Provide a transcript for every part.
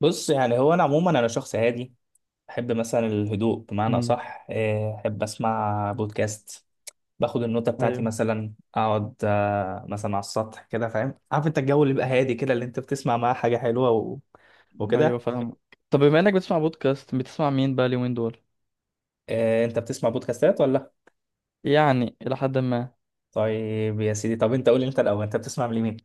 بص، يعني هو انا عموما انا شخص هادي. بحب مثلا الهدوء، بمعنى امم اصح. احب اسمع بودكاست. باخد النوتة بتاعتي، ايوه، مثلا اقعد مثلا على السطح كده. فاهم؟ عارف انت الجو اللي بيبقى هادي كده، اللي انت بتسمع معاه حاجة حلوة ايوه، وكده. فاهم. طب بما انك بتسمع بودكاست، بتسمع مين بقى اليومين دول؟ انت بتسمع بودكاستات ولا لأ؟ يعني الى حد ما. طيب يا سيدي، طب انت قول لي انت الاول، انت بتسمع لمين؟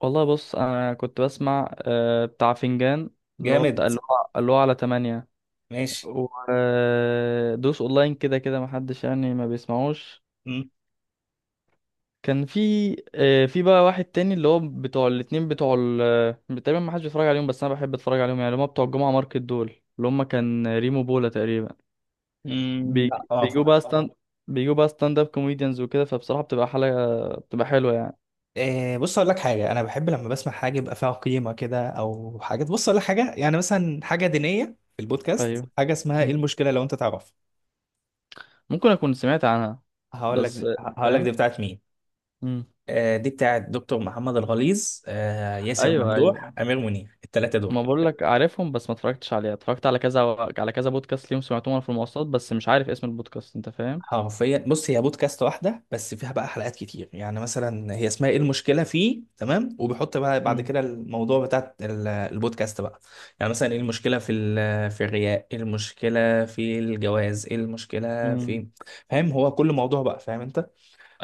والله، بص، انا كنت بسمع بتاع فنجان، اللي هو جامد. بتاع اللي هو اللي هو على تمانية. ماشي. ودوس اونلاين كده كده، محدش يعني ما بيسمعوش. كان في في بقى واحد تاني، اللي هو بتوع الاتنين بتوع ال تقريبا محدش بيتفرج عليهم، بس انا بحب اتفرج عليهم يعني، اللي هم بتوع الجمعة ماركت دول، اللي هم كان ريمو بولا تقريبا. امم. بيج- لا اه. بيجوا بقى ستاند، بيجوا بقى ستاند اب كوميديانز وكده، فبصراحة بتبقى حلقة، بتبقى حلوة يعني. إيه. بص اقول لك حاجه، انا بحب لما بسمع حاجه يبقى فيها قيمه كده او حاجات. بص اقول لك حاجه، يعني مثلا حاجه دينيه. في البودكاست ايوه، حاجه اسمها ايه مم. المشكله، لو انت تعرف. ممكن اكون سمعت عنها. هقول بس. لك هقول لك فاهم. دي بتاعت مين. مم. دي بتاعت دكتور محمد الغليظ، ياسر ايوه، ايوه. ممدوح، امير منير، الثلاثه دول. ما بقول لك عارفهم، بس ما اتفرجتش عليها، اتفرجت على كذا، على كذا بودكاست ليهم، سمعتهم وانا في المواصلات، بس مش عارف اسم البودكاست، انت فاهم. حرفيا بص، هي بودكاست واحدة بس فيها بقى حلقات كتير. يعني مثلا هي اسمها ايه المشكلة فيه، تمام، وبيحط بقى بعد مم. كده الموضوع بتاع البودكاست بقى. يعني مثلا ايه المشكلة في الرياء، ايه المشكلة في الجواز، ايه المشكلة مم. في. فاهم، هو كل موضوع بقى، فاهم انت.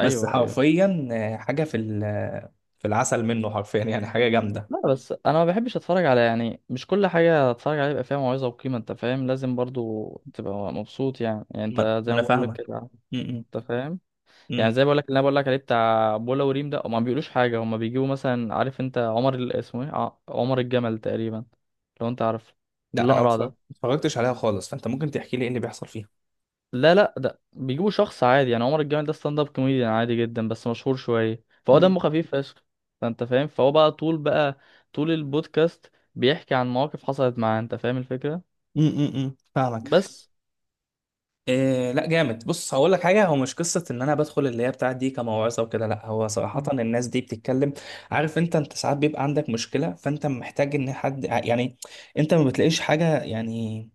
بس ايوه. حرفيا حاجة في العسل منه، حرفيا يعني حاجة جامدة. لا، بس انا ما بحبش اتفرج على، يعني مش كل حاجه اتفرج عليها يبقى فيها موعظه وقيمه، انت فاهم؟ لازم برضو تبقى مبسوط يعني ما انت ما زي ما انا بقول لك فاهمك. كده. م- انت فاهم. م- يعني م. زي بقول لك اللي انا بقول لك عليه بتاع بولا وريم ده، هما ما بيقولوش حاجه، هما بيجيبوا مثلا، عارف انت عمر اسمه ايه، عمر الجمل تقريبا، لو انت عارف. لا انا الاقرع ده. ما اتفرجتش عليها خالص، فانت ممكن تحكي لي ايه اللي بيحصل فيها. لا، لا، ده بيجيبوا شخص عادي، يعني عمر الجمل ده ستاند اب كوميديان عادي جدا، بس مشهور شويه، فهو م- دمه خفيف فشخ. فانت فاهم، فهو بقى طول بقى، طول البودكاست بيحكي عن مواقف حصلت معاه، انت فاهم الفكره. م- م- م. فاهمك. بس. إيه لا جامد، بص هقول لك حاجه، هو مش قصه ان انا بدخل اللي هي بتاعت دي كموعظه وكده، لا هو صراحه الناس دي بتتكلم. عارف انت، انت ساعات بيبقى عندك مشكله، فانت محتاج ان حد، يعني انت ما بتلاقيش حاجه يعني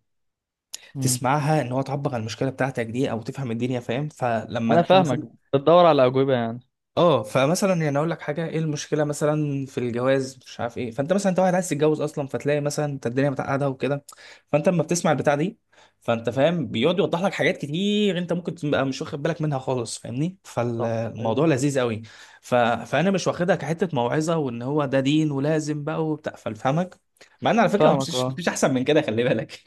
مم. تسمعها ان هو تعبر عن المشكله بتاعتك دي، او تفهم الدنيا. فاهم. فلما انا انت فاهمك. مثلا بتدور على اجوبه يعني. اه، فمثلا يعني اقول لك حاجه، ايه المشكله مثلا في الجواز، مش عارف ايه، فانت مثلا انت واحد عايز تتجوز اصلا، فتلاقي مثلا انت الدنيا متعقده وكده، فانت لما بتسمع البتاع دي، فانت فاهم بيقعد يوضح لك حاجات كتير انت ممكن تبقى مش واخد بالك منها خالص، فاهمني، صح. فالموضوع ايوه، لذيذ قوي. فانا مش واخدها كحته موعظه وان هو ده دين ولازم بقى وبتاع، فاهمك. مع ان على فكره، فاهمك. مفيش اه. مفيش احسن من كده، خلي بالك.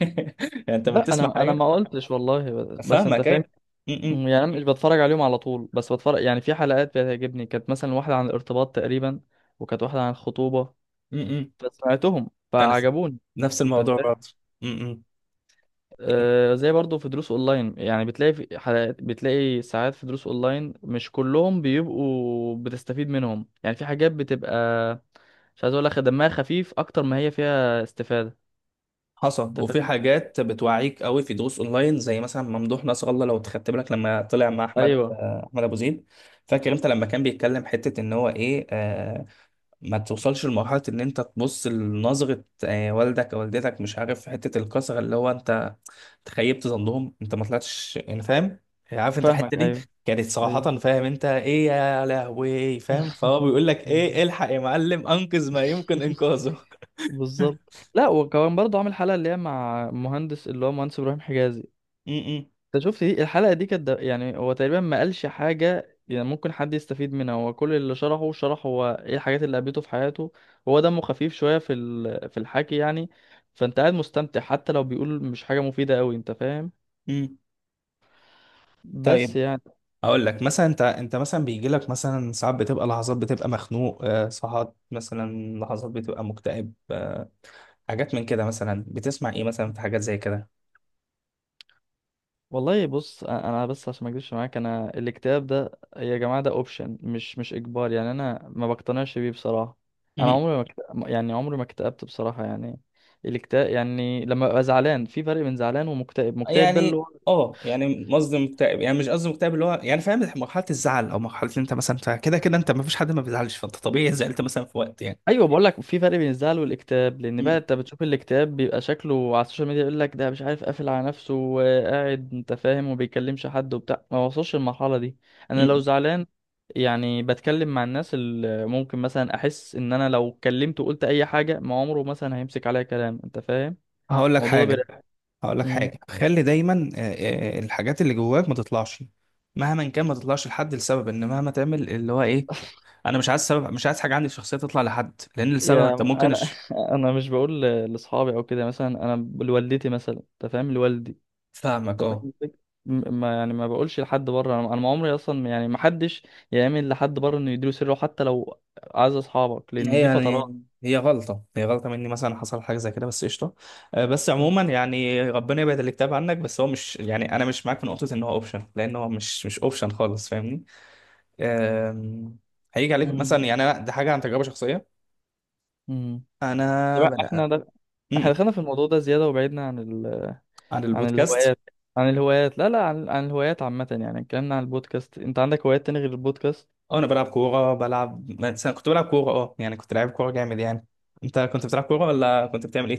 يعني انت لما لا، بتسمع انا حاجه. ما قلتش والله، بس انت فاهمك فاهم. ايوه. م- م- يعني انا مش بتفرج عليهم على طول، بس بتفرج يعني في حلقات بتعجبني، كانت مثلا واحدة عن الارتباط تقريبا، وكانت واحدة عن الخطوبة، م- م. فسمعتهم انا فعجبوني، نفس انت الموضوع فاهم. برضه. م- م. زي برضو في دروس اونلاين يعني، بتلاقي في حلقات، بتلاقي ساعات في دروس اونلاين مش كلهم بيبقوا بتستفيد منهم، يعني في حاجات بتبقى مش عايز اقول لك دمها خفيف اكتر ما هي فيها استفادة، حصل، انت وفي فاهم. حاجات بتوعيك قوي في دروس اونلاين، زي مثلا ممدوح نصر الله، لو خدت بالك لما طلع مع احمد ايوه، احمد ابو زيد. فاكر انت لما كان بيتكلم حته ان هو ايه، ما توصلش لمرحله ان انت تبص لنظره، والدك او والدتك، مش عارف حته الكسره، اللي هو انت تخيبت ظنهم، انت ما طلعتش يعني، فاهم؟ عارف انت الحته فاهمك. دي. ايوه، كانت صراحه، ايوه. فاهم انت ايه يا لهوي، فاهم، فهو بيقول لك ايه، الحق يا معلم، انقذ ما يمكن انقاذه. بالظبط. لا، وكمان برضه عامل حلقة اللي هي مع مهندس، اللي هو مهندس إبراهيم حجازي. م- انت شفت دي الحلقة؟ دي كانت يعني هو تقريبا ما قالش حاجة يعني ممكن حد يستفيد منها، هو كل اللي شرحه، شرح هو ايه الحاجات اللي قابلته في حياته. هو دمه خفيف شوية في الحكي يعني. فانت قاعد مستمتع، حتى لو بيقول مش حاجة مفيدة قوي، انت فاهم. م- م. بس طيب يعني. اقول لك مثلا، انت انت مثلا بيجي لك مثلا ساعات بتبقى لحظات بتبقى مخنوق، ساعات مثلا لحظات بتبقى مكتئب، حاجات من كده، مثلا بتسمع ايه مثلا في حاجات زي كده. والله، بص، انا بس عشان ما اكذبش معاك، انا الاكتئاب ده، يا جماعه، ده اوبشن، مش اجبار، يعني انا ما بقتنعش بيه بصراحه. انا مهم. عمري ما اكت... يعني عمري ما اكتئبت بصراحه يعني. الاكتئاب يعني لما ببقى زعلان، في فرق بين زعلان ومكتئب، مكتئب ده اللي... يعني اه، يعني قصدي مكتئب يعني، مش قصدي مكتئب اللي هو يعني، فاهم، مرحلة الزعل او مرحلة اللي انت مثلا فيها. كده كده انت ما فيش حد ما بيزعلش، فانت طبيعي زعلت مثلا في وقت يعني. ايوه، بقول لك في فرق بين الزعل والاكتئاب، لان بقى م- انت بتشوف الاكتئاب بيبقى شكله على السوشيال ميديا، يقول لك ده مش عارف قافل على نفسه وقاعد، انت فاهم، وما بيكلمش حد وبتاع، ما وصلش للمرحله دي. انا لو م. زعلان، يعني بتكلم مع الناس اللي ممكن مثلا احس ان انا لو اتكلمت وقلت اي حاجه، ما عمره مثلا هيمسك عليا كلام، انت فاهم. هقول لك الموضوع ده حاجة بيريح. هقول لك امم حاجة خلي دايما الحاجات اللي جواك ما تطلعش، مهما كان ما تطلعش لحد، لسبب ان مهما تعمل اللي هو ايه، انا مش عايز سبب، مش عايز حاجه عندي في الشخصيه تطلع لحد، لان السبب انت يا ممكن انا. أش... انا مش بقول لاصحابي او كده، مثلا انا لوالدتي مثلا، انت فاهم، لوالدي. فاهمك انت فاهم اه. الفكرة؟ ما يعني ما بقولش لحد بره، انا ما عمري اصلا يعني، ما حدش يعمل لحد بره انه يديله سره، حتى لو اعز اصحابك، هي لان دي فترات. يعني هي غلطه مني، مثلا حصل حاجه زي كده بس قشطه. بس عموما يعني ربنا يبعد الاكتئاب عنك، بس هو مش يعني انا مش معاك في نقطه ان هو اوبشن، لان هو مش اوبشن خالص، فاهمني. آم، هيجي عليك مثلا، مم. يعني انا دي حاجه عن تجربه شخصيه. مم. انا طب، بنا... احنا ده، م- م. احنا دخلنا في الموضوع ده زياده، وبعدنا عن عن البودكاست. الهوايات. عن الهوايات، لا، لا، عن الهوايات عامه، يعني اتكلمنا عن البودكاست. انت عندك هوايات تاني غير البودكاست؟ اه انا بلعب كوره، بلعب مثلا، كنت بلعب كوره، اه يعني كنت لعيب كوره جامد يعني. انت كنت بتلعب كوره ولا كنت بتعمل ايه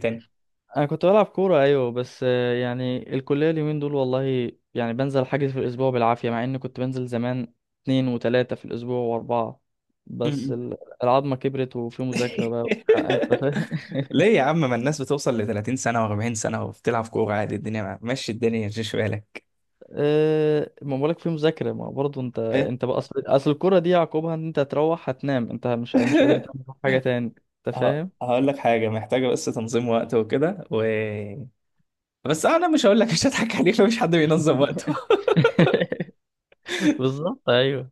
انا كنت بلعب كوره ايوه، بس يعني الكليه اليومين دول والله، يعني بنزل حاجز في الاسبوع بالعافيه، مع اني كنت بنزل زمان اتنين وتلاته في الاسبوع واربعه، بس تاني؟ العظمه كبرت وفي مذاكره بقى وبتاع، انت فاهم. ليه يا عم، ما الناس بتوصل ل 30 سنة و40 سنة وبتلعب كورة عادي، الدنيا مشي الدنيا مش بالك. أه، ما بقولك في مذاكره، ما برضه انت إيه؟ انت بقى، اصل الكوره دي عقوبها ان انت هتروح هتنام، انت مش قادر تعمل حاجه تاني، انت فاهم. هقول لك حاجة، محتاجة بس تنظيم وقت وكده بس أنا مش هقول لك، مش هضحك عليك، مفيش حد بينظم وقته. بالظبط. ايوه.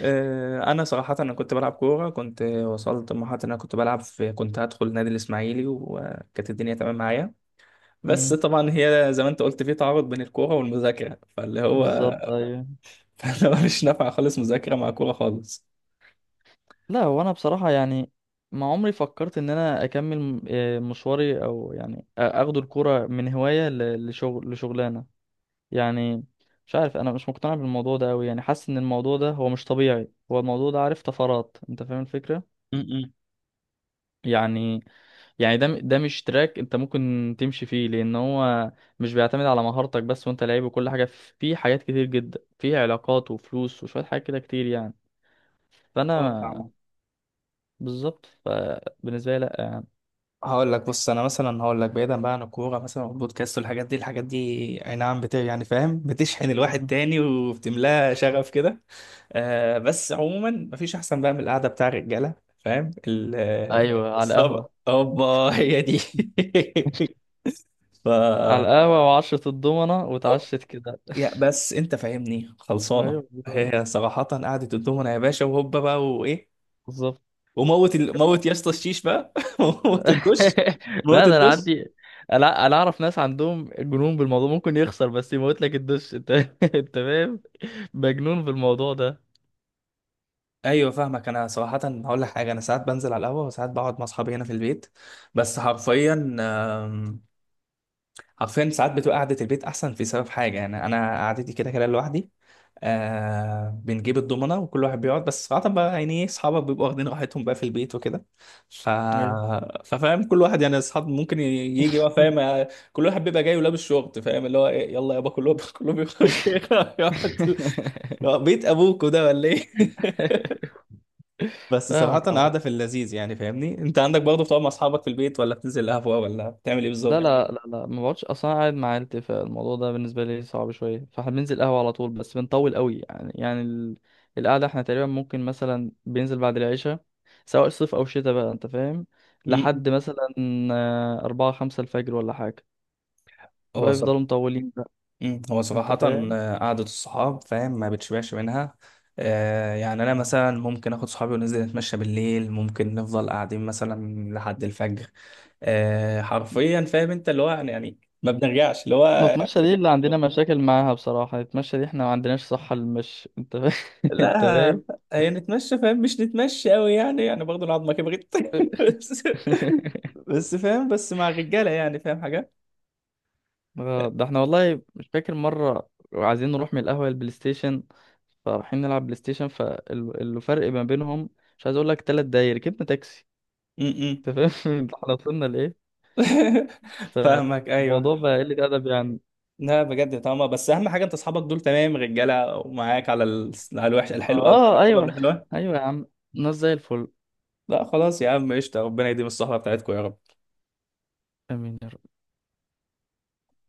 أنا صراحة، أنا كنت بلعب كورة، كنت وصلت لمرحلة إن أنا كنت بلعب في، كنت هدخل نادي الإسماعيلي، وكانت الدنيا تمام معايا. بس مم، طبعا هي زي ما أنت قلت، في تعارض بين الكورة والمذاكرة، فاللي هو بالظبط. ايوه. فاللي هو مش نافع خالص، مذاكرة مع كورة خالص. لا، هو انا بصراحة يعني، ما عمري فكرت ان انا اكمل مشواري، او يعني اخد الكورة من هواية لشغل لشغلانة، يعني. مش عارف، انا مش مقتنع بالموضوع ده قوي يعني، حاسس ان الموضوع ده هو مش طبيعي، هو الموضوع ده عارف طفرات، انت فاهم الفكرة، م-م. يعني يعني ده مش تراك انت ممكن تمشي فيه، لان هو مش بيعتمد على مهارتك بس وانت لعيب وكل حاجة، فيه حاجات كتير جدا، فيه علاقات وفلوس وشوية حاجات كده كتير يعني، اه فانا فاهمة. بالظبط، فبالنسبة لي لا يعني. هقول لك بص، انا مثلا هقول لك بعيدا بقى عن الكوره مثلا والبودكاست والحاجات دي، الحاجات دي اي نعم، بت يعني فاهم بتشحن الواحد تاني وبتملاه شغف كده. آه بس عموما، مفيش احسن بقى من القعده بتاع الرجاله، فاهم ايوه، على الصبر القهوه، اوبا هي دي. ف وعشره الضمنه أو- واتعشت كده. يا بس انت فاهمني خلصانه. ايوه والله، هي صراحه قعده الدومنه يا باشا، وهوبا بقى، وايه، بالظبط. موت يا اسطى الشيش بقى. موت الدش. موت لا، ده انا الدش. عندي، انا اعرف ناس عندهم جنون بالموضوع، ممكن يخسر بس يموت لك الدش انت، انت فاهم، مجنون بالموضوع ده. ايوه فاهمك. انا صراحه هقول لك حاجه، انا ساعات بنزل على القهوه، وساعات بقعد مع اصحابي هنا في البيت. بس حرفيا آم، حرفيا ساعات بتبقى قعده البيت احسن، في سبب حاجه، يعني انا قعدتي كده كده لوحدي. آه بنجيب الضمنه وكل واحد بيقعد، بس صراحه بقى يعني ايه، اصحابك بيبقوا واخدين راحتهم بقى في البيت وكده. ف ايوه. ففاهم كل واحد يعني، اصحاب ممكن يجي بقى فاهم، كل واحد بيبقى جاي ولابس شورت، فاهم اللي هو إيه، يلا يابا كلهم كلهم يخش يقعد. اللي هو بيت ابوكوا ده ولا ايه. بس صراحة فاهمك. قاعدة في اللذيذ يعني، فاهمني، انت عندك برضه بتقعد مع اصحابك في البيت، ولا بتنزل قهوة، ولا بتعمل ايه لا، فاهمني. بالظبط؟ لا، لا، لا، ما بقعدش اصلا، أنا قاعد مع عيلتي، فالموضوع ده بالنسبه لي صعب شويه، فاحنا بننزل قهوه على طول، بس بنطول قوي يعني ال... القعده احنا تقريبا، ممكن مثلا بينزل بعد العشاء، سواء صيف او شتاء بقى، انت فاهم، مم. لحد مثلا أربعة خمسة الفجر ولا حاجه، هو فبقى صراحة، يفضلوا مطولين بقى، هو انت صراحة فاهم. قعدة الصحاب، فاهم، ما بتشبعش منها. آه يعني انا مثلا ممكن اخد صحابي وننزل نتمشى بالليل، ممكن نفضل قاعدين مثلا لحد الفجر. آه حرفيا فاهم انت اللي هو يعني يعني ما بنرجعش اللي هو. نتمشى دي اللي عندنا مشاكل معاها بصراحه، نتمشى دي احنا ما عندناش صحه للمشي، انت فاهم. انت لا فاهم. هي نتمشى، فاهم مش نتمشى قوي يعني، يعني برضه العظمة كبرت بس بس فاهم، بس مع الرجالة يعني فاهم حاجة. ده احنا والله مش فاكر مرة عايزين نروح من القهوة للبلاي ستيشن، فرايحين نلعب بلاي ستيشن، فالفرق ما بينهم، مش عايز اقول لك، 3 دقايق ركبنا تاكسي، م-م. انت فاهم. احنا وصلنا لايه! فاهمك ايوه. فالموضوع بقى قلة ادب يعني. لا بجد طبعا، بس اهم حاجه انت اصحابك دول تمام، رجاله ومعاك على على الوحش، الحلوه قبل اه، الحلوه قبل ايوه. الحلوه. ايوه يا عم، ناس زي الفل. لا خلاص يا عم قشطه، ربنا يديم الصحبه بتاعتكم يا رب. امين يا رب.